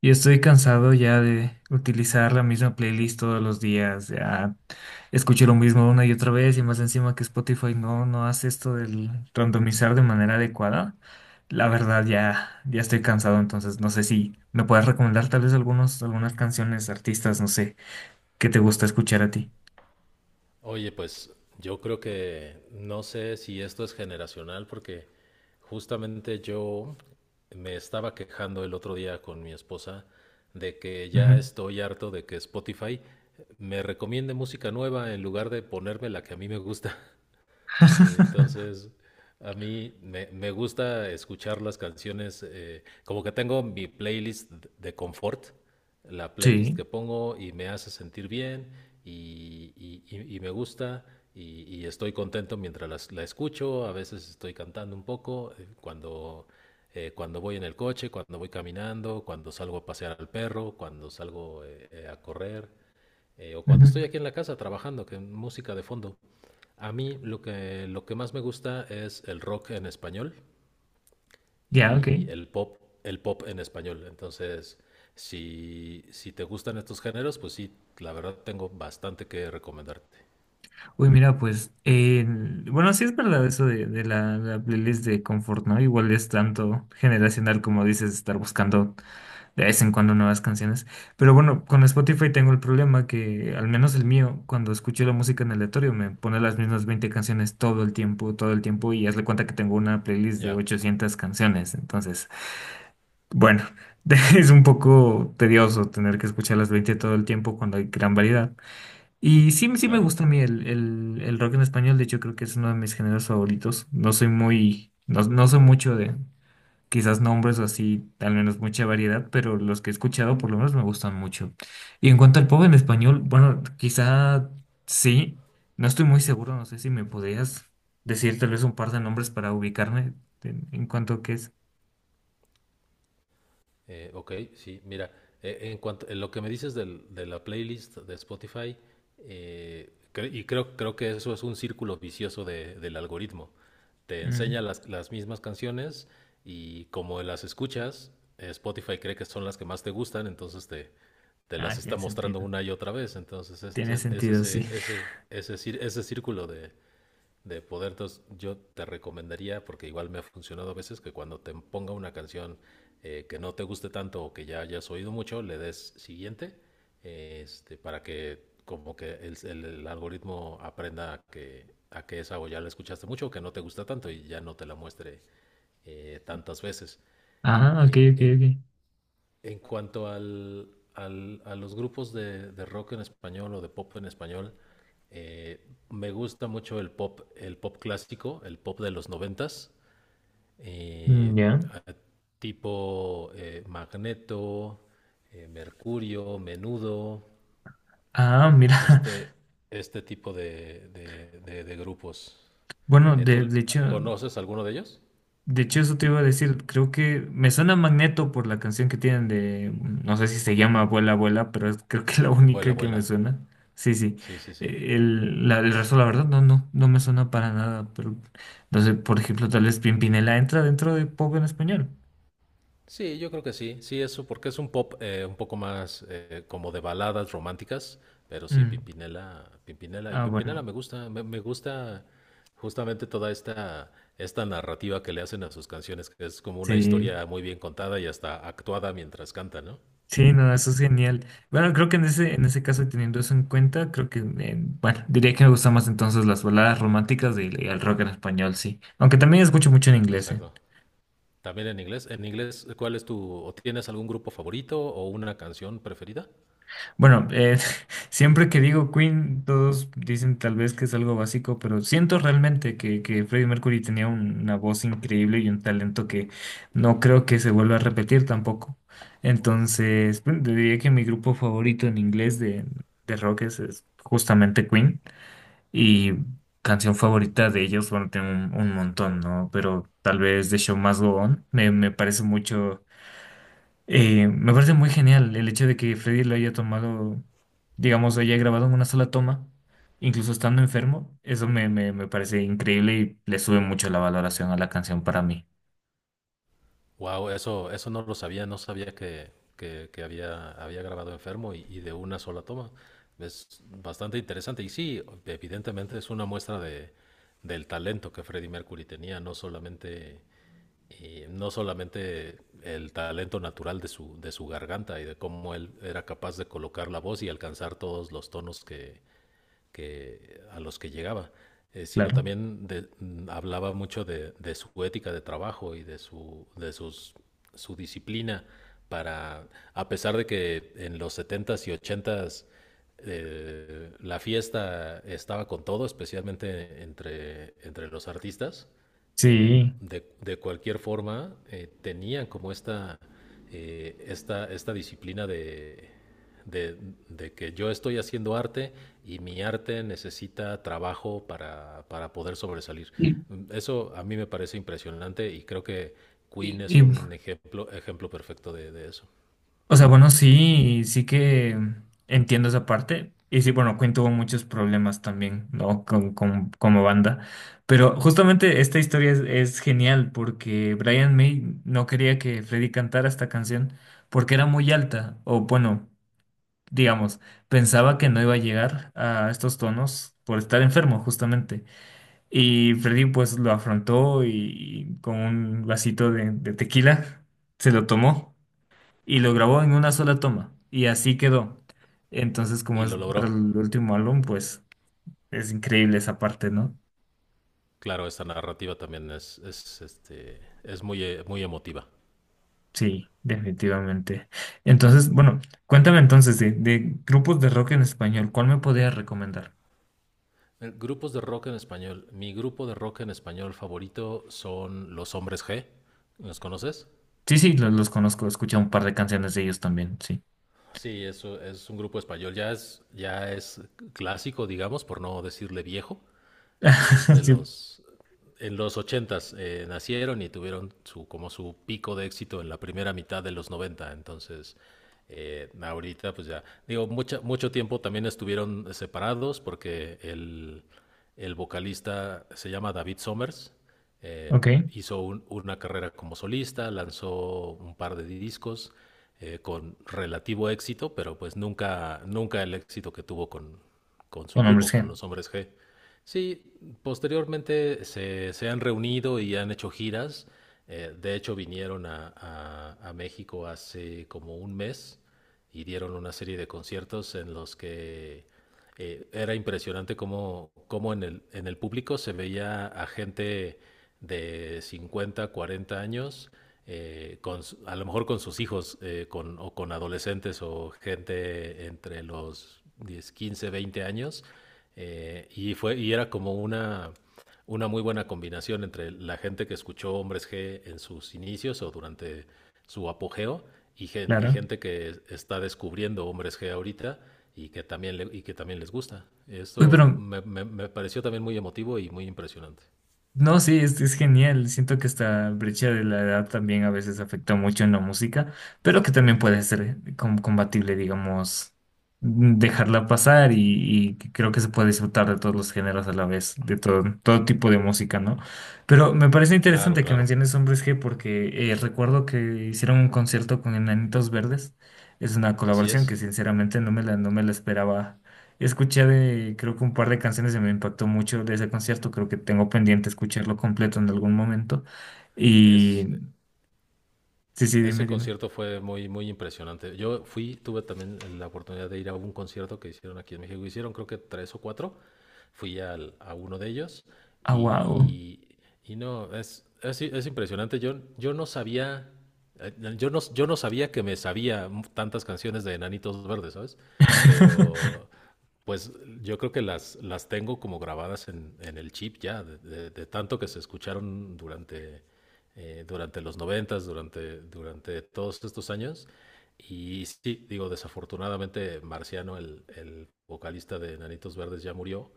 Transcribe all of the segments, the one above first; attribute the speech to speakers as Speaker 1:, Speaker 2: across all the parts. Speaker 1: Yo estoy cansado ya de utilizar la misma playlist todos los días. Ya escucho lo mismo una y otra vez y más encima que Spotify no hace esto del randomizar de manera adecuada. La verdad ya estoy cansado, entonces no sé si me puedes recomendar tal vez algunas canciones, artistas, no sé, que te gusta escuchar a ti.
Speaker 2: Oye, pues yo creo que no sé si esto es generacional porque justamente yo me estaba quejando el otro día con mi esposa de que ya
Speaker 1: Ujú.
Speaker 2: estoy harto de que Spotify me recomiende música nueva en lugar de ponerme la que a mí me gusta. Entonces, a mí me gusta escuchar las canciones, como que tengo mi playlist de confort, la playlist
Speaker 1: Sí.
Speaker 2: que pongo y me hace sentir bien y me gusta y estoy contento mientras la escucho, a veces estoy cantando un poco, cuando voy en el coche, cuando voy caminando, cuando salgo a pasear al perro, cuando salgo a correr o cuando
Speaker 1: Ujú.
Speaker 2: estoy aquí en la casa trabajando, que música de fondo. A mí lo que más me gusta es el rock en español
Speaker 1: Ya, ok.
Speaker 2: y el pop en español. Entonces, si te gustan estos géneros, pues sí, la verdad tengo bastante que recomendarte.
Speaker 1: Uy, mira, pues, bueno, sí es verdad eso de la playlist de confort, ¿no? Igual es tanto generacional como dices, estar buscando de vez en cuando nuevas canciones. Pero bueno, con Spotify tengo el problema que, al menos el mío, cuando escucho la música en aleatorio, me pone las mismas 20 canciones todo el tiempo, y hazle cuenta que tengo una playlist de
Speaker 2: Ya,
Speaker 1: 800 canciones. Entonces, bueno, es un poco tedioso tener que escuchar las 20 todo el tiempo cuando hay gran variedad. Y sí, sí me
Speaker 2: claro.
Speaker 1: gusta a mí el rock en español. De hecho, creo que es uno de mis géneros favoritos. No soy muy, no soy mucho de quizás nombres o así, al menos mucha variedad, pero los que he escuchado por lo menos me gustan mucho. Y en cuanto al pop en español, bueno, quizá sí, no estoy muy seguro, no sé si me podrías decir tal vez un par de nombres para ubicarme en cuanto a qué es.
Speaker 2: Ok, sí, mira, en cuanto en lo que me dices de la playlist de Spotify, creo que eso es un círculo vicioso del algoritmo. Te enseña
Speaker 1: Mm.
Speaker 2: las mismas canciones y como las escuchas, Spotify cree que son las que más te gustan, entonces te
Speaker 1: Ah,
Speaker 2: las está
Speaker 1: tiene
Speaker 2: mostrando
Speaker 1: sentido.
Speaker 2: una y otra vez. Entonces, ese,
Speaker 1: Tiene
Speaker 2: es
Speaker 1: sentido, sí.
Speaker 2: ese, ese, ese, cir- ese círculo de poder. Entonces, yo te recomendaría, porque igual me ha funcionado a veces, que cuando te ponga una canción que no te guste tanto o que ya hayas oído mucho, le des siguiente, para que como que el algoritmo aprenda a que esa o ya la escuchaste mucho o que no te gusta tanto y ya no te la muestre tantas veces.
Speaker 1: Ah, ok,
Speaker 2: Eh,
Speaker 1: ok,
Speaker 2: en
Speaker 1: ok.
Speaker 2: en cuanto a los grupos de rock en español o de pop en español, eh, me gusta mucho el pop clásico, el pop de los noventas,
Speaker 1: Mm.
Speaker 2: eh,
Speaker 1: Ya.
Speaker 2: a- tipo Magneto, Mercurio, Menudo,
Speaker 1: Ah, mira.
Speaker 2: este, este tipo de grupos.
Speaker 1: Bueno,
Speaker 2: ¿Tú conoces alguno de ellos?
Speaker 1: de hecho eso te iba a decir, creo que me suena Magneto por la canción que tienen de, no sé si se llama Abuela, Abuela, pero creo que es la
Speaker 2: Vuela,
Speaker 1: única que me
Speaker 2: vuela.
Speaker 1: suena. Sí, sí.
Speaker 2: Sí, sí, sí.
Speaker 1: El resto, la verdad, no me suena para nada, pero no sé, por ejemplo, tal vez Pimpinela entra dentro de pop en español.
Speaker 2: Sí, yo creo que sí, sí, eso, porque es un pop un poco más como de baladas románticas, pero sí,
Speaker 1: Mm.
Speaker 2: Pimpinela, Pimpinela, y
Speaker 1: Ah,
Speaker 2: Pimpinela
Speaker 1: bueno,
Speaker 2: me gusta, me gusta justamente toda esta narrativa que le hacen a sus canciones, que es como una
Speaker 1: sí.
Speaker 2: historia muy bien contada y hasta actuada mientras canta, ¿no?
Speaker 1: Sí, no, eso es genial. Bueno, creo que en ese caso, y teniendo eso en cuenta, creo que, bueno, diría que me gustan más entonces las baladas románticas y el rock en español, sí. Aunque también escucho mucho en inglés, eh.
Speaker 2: Exacto. También en inglés, ¿O tienes algún grupo favorito o una canción preferida?
Speaker 1: Bueno, siempre que digo Queen, todos dicen tal vez que es algo básico, pero siento realmente que Freddie Mercury tenía una voz increíble y un talento que no creo que se vuelva a repetir tampoco. Entonces, bueno, diría que mi grupo favorito en inglés de rock es justamente Queen. Y canción favorita de ellos, bueno, tengo un montón, ¿no? Pero tal vez The Show Must Go On me, me parece mucho, me parece muy genial el hecho de que Freddy lo haya tomado, digamos, lo haya grabado en una sola toma, incluso estando enfermo. Eso me, me, me parece increíble y le sube mucho la valoración a la canción para mí,
Speaker 2: Wow, eso no lo sabía, no sabía que había grabado enfermo y de una sola toma. Es bastante interesante. Y sí, evidentemente es una muestra del talento que Freddie Mercury tenía, no solamente, no solamente el talento natural de su garganta y de cómo él era capaz de colocar la voz y alcanzar todos los tonos a los que llegaba, sino
Speaker 1: claro.
Speaker 2: también hablaba mucho su ética de trabajo y de, su, de sus, su disciplina para, a pesar de que en los setentas y ochentas la fiesta estaba con todo, especialmente entre los artistas, eh,
Speaker 1: Sí.
Speaker 2: cualquier forma tenían como esta disciplina de, de que yo estoy haciendo arte y mi arte necesita trabajo para poder sobresalir.
Speaker 1: Y,
Speaker 2: Eso a mí me parece impresionante y creo que
Speaker 1: y-
Speaker 2: Queen es
Speaker 1: y
Speaker 2: un ejemplo perfecto de eso.
Speaker 1: O sea, bueno, sí, sí que entiendo esa parte. Y sí, bueno, Queen tuvo muchos problemas también, ¿no? Con, como banda. Pero justamente esta historia es genial porque Brian May no quería que Freddie cantara esta canción porque era muy alta. O bueno, digamos, pensaba que no iba a llegar a estos tonos por estar enfermo, justamente. Y Freddie pues lo afrontó y con un vasito de tequila se lo tomó y lo grabó en una sola toma y así quedó. Entonces, como
Speaker 2: Y
Speaker 1: es
Speaker 2: lo
Speaker 1: para
Speaker 2: logró.
Speaker 1: el último álbum, pues es increíble esa parte, ¿no?
Speaker 2: Claro, esta narrativa también es muy emotiva.
Speaker 1: Sí, definitivamente. Entonces, bueno, cuéntame entonces de grupos de rock en español, ¿cuál me podrías recomendar?
Speaker 2: Grupos de rock en español. Mi grupo de rock en español favorito son Los Hombres G. ¿Los conoces?
Speaker 1: Sí, sí, los conozco, he escuchado un par de canciones de ellos también, sí.
Speaker 2: Sí, eso es un grupo español, ya es clásico, digamos, por no decirle viejo es de
Speaker 1: Sí,
Speaker 2: los... En los ochentas nacieron y tuvieron como su pico de éxito en la primera mitad de los 90 entonces... Ahorita, pues ya, digo, mucho tiempo también estuvieron separados porque el vocalista se llama David Somers, eh,
Speaker 1: ok,
Speaker 2: hizo una carrera como solista, lanzó un par de discos con relativo éxito, pero pues nunca el éxito que tuvo con su
Speaker 1: con Hombres
Speaker 2: grupo, con
Speaker 1: G,
Speaker 2: los Hombres G. Sí, posteriormente se han reunido y han hecho giras. De hecho, vinieron a México hace como un mes y dieron una serie de conciertos en los que era impresionante cómo en el público se veía a gente de 50 40 años, a lo mejor con sus hijos o con adolescentes o gente entre los 10 15 20 años. Y era como una muy buena combinación entre la gente que escuchó Hombres G en sus inicios o durante su apogeo y
Speaker 1: claro.
Speaker 2: gente que está descubriendo Hombres G ahorita y que también les gusta.
Speaker 1: Uy,
Speaker 2: Esto
Speaker 1: pero
Speaker 2: me pareció también muy emotivo y muy impresionante.
Speaker 1: no, sí, es genial. Siento que esta brecha de la edad también a veces afecta mucho en la música, pero que también puede
Speaker 2: Sí,
Speaker 1: ser combatible, digamos, mm, dejarla pasar y creo que se puede disfrutar de todos los géneros a la vez, de todo, todo tipo de música, ¿no? Pero me parece
Speaker 2: claro,
Speaker 1: interesante que
Speaker 2: claro.
Speaker 1: menciones Hombres G porque recuerdo que hicieron un concierto con Enanitos Verdes. Es una
Speaker 2: Así
Speaker 1: colaboración
Speaker 2: es.
Speaker 1: que sinceramente no me la esperaba. Escuché de, creo que un par de canciones que me impactó mucho de ese concierto. Creo que tengo pendiente escucharlo completo en algún momento.
Speaker 2: Es,
Speaker 1: Y sí, sí, dime,
Speaker 2: Ese
Speaker 1: dime.
Speaker 2: concierto fue muy, muy impresionante. Yo tuve también la oportunidad de ir a un concierto que hicieron aquí en México. Hicieron creo que tres o cuatro. Fui a uno de ellos
Speaker 1: Ah, wow.
Speaker 2: y, y no, es impresionante. Yo no sabía, yo no sabía que me sabía tantas canciones de Enanitos Verdes, ¿sabes? Pero pues yo creo que las tengo como grabadas en el chip ya, de tanto que se escucharon durante durante los noventas, durante todos estos años. Y sí, digo, desafortunadamente Marciano, el vocalista de Nanitos Verdes, ya murió.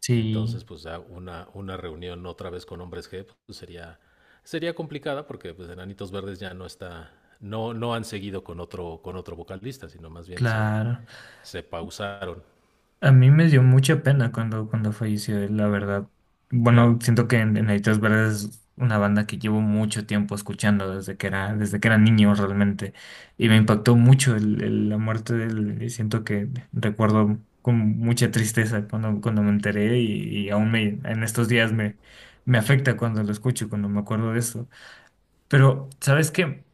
Speaker 1: Sí,
Speaker 2: Entonces, pues ya una reunión otra vez con Hombres G pues, sería complicada porque pues Enanitos Verdes ya no está, no, no han seguido con otro vocalista, sino más bien se,
Speaker 1: claro.
Speaker 2: se pausaron,
Speaker 1: A mí me dio mucha pena cuando, cuando falleció él, la verdad. Bueno,
Speaker 2: claro.
Speaker 1: siento que en Nanitos Verdes es una banda que llevo mucho tiempo escuchando desde que era niño realmente. Y me impactó mucho la muerte de él. Y siento que recuerdo con mucha tristeza cuando, cuando me enteré y aún me, en estos días me, me afecta cuando lo escucho, cuando me acuerdo de eso. Pero, ¿sabes qué?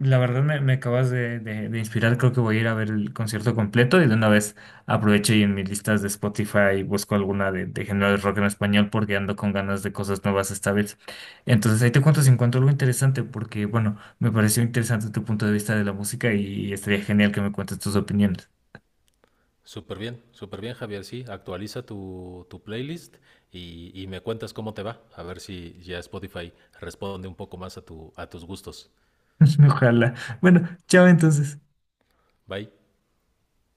Speaker 1: La verdad me, me acabas de, de inspirar. Creo que voy a ir a ver el concierto completo y de una vez aprovecho y en mis listas de Spotify busco alguna de género de rock en español porque ando con ganas de cosas nuevas esta vez. Entonces ahí te cuento si
Speaker 2: Eh,
Speaker 1: encuentro algo interesante porque, bueno, me pareció interesante tu punto de vista de la música y estaría genial que me cuentes tus opiniones.
Speaker 2: Súper bien, Javier. Sí, actualiza tu playlist y me cuentas cómo te va. A ver si ya Spotify responde un poco más a tus gustos.
Speaker 1: Ojalá. Bueno, chao entonces.
Speaker 2: Bye.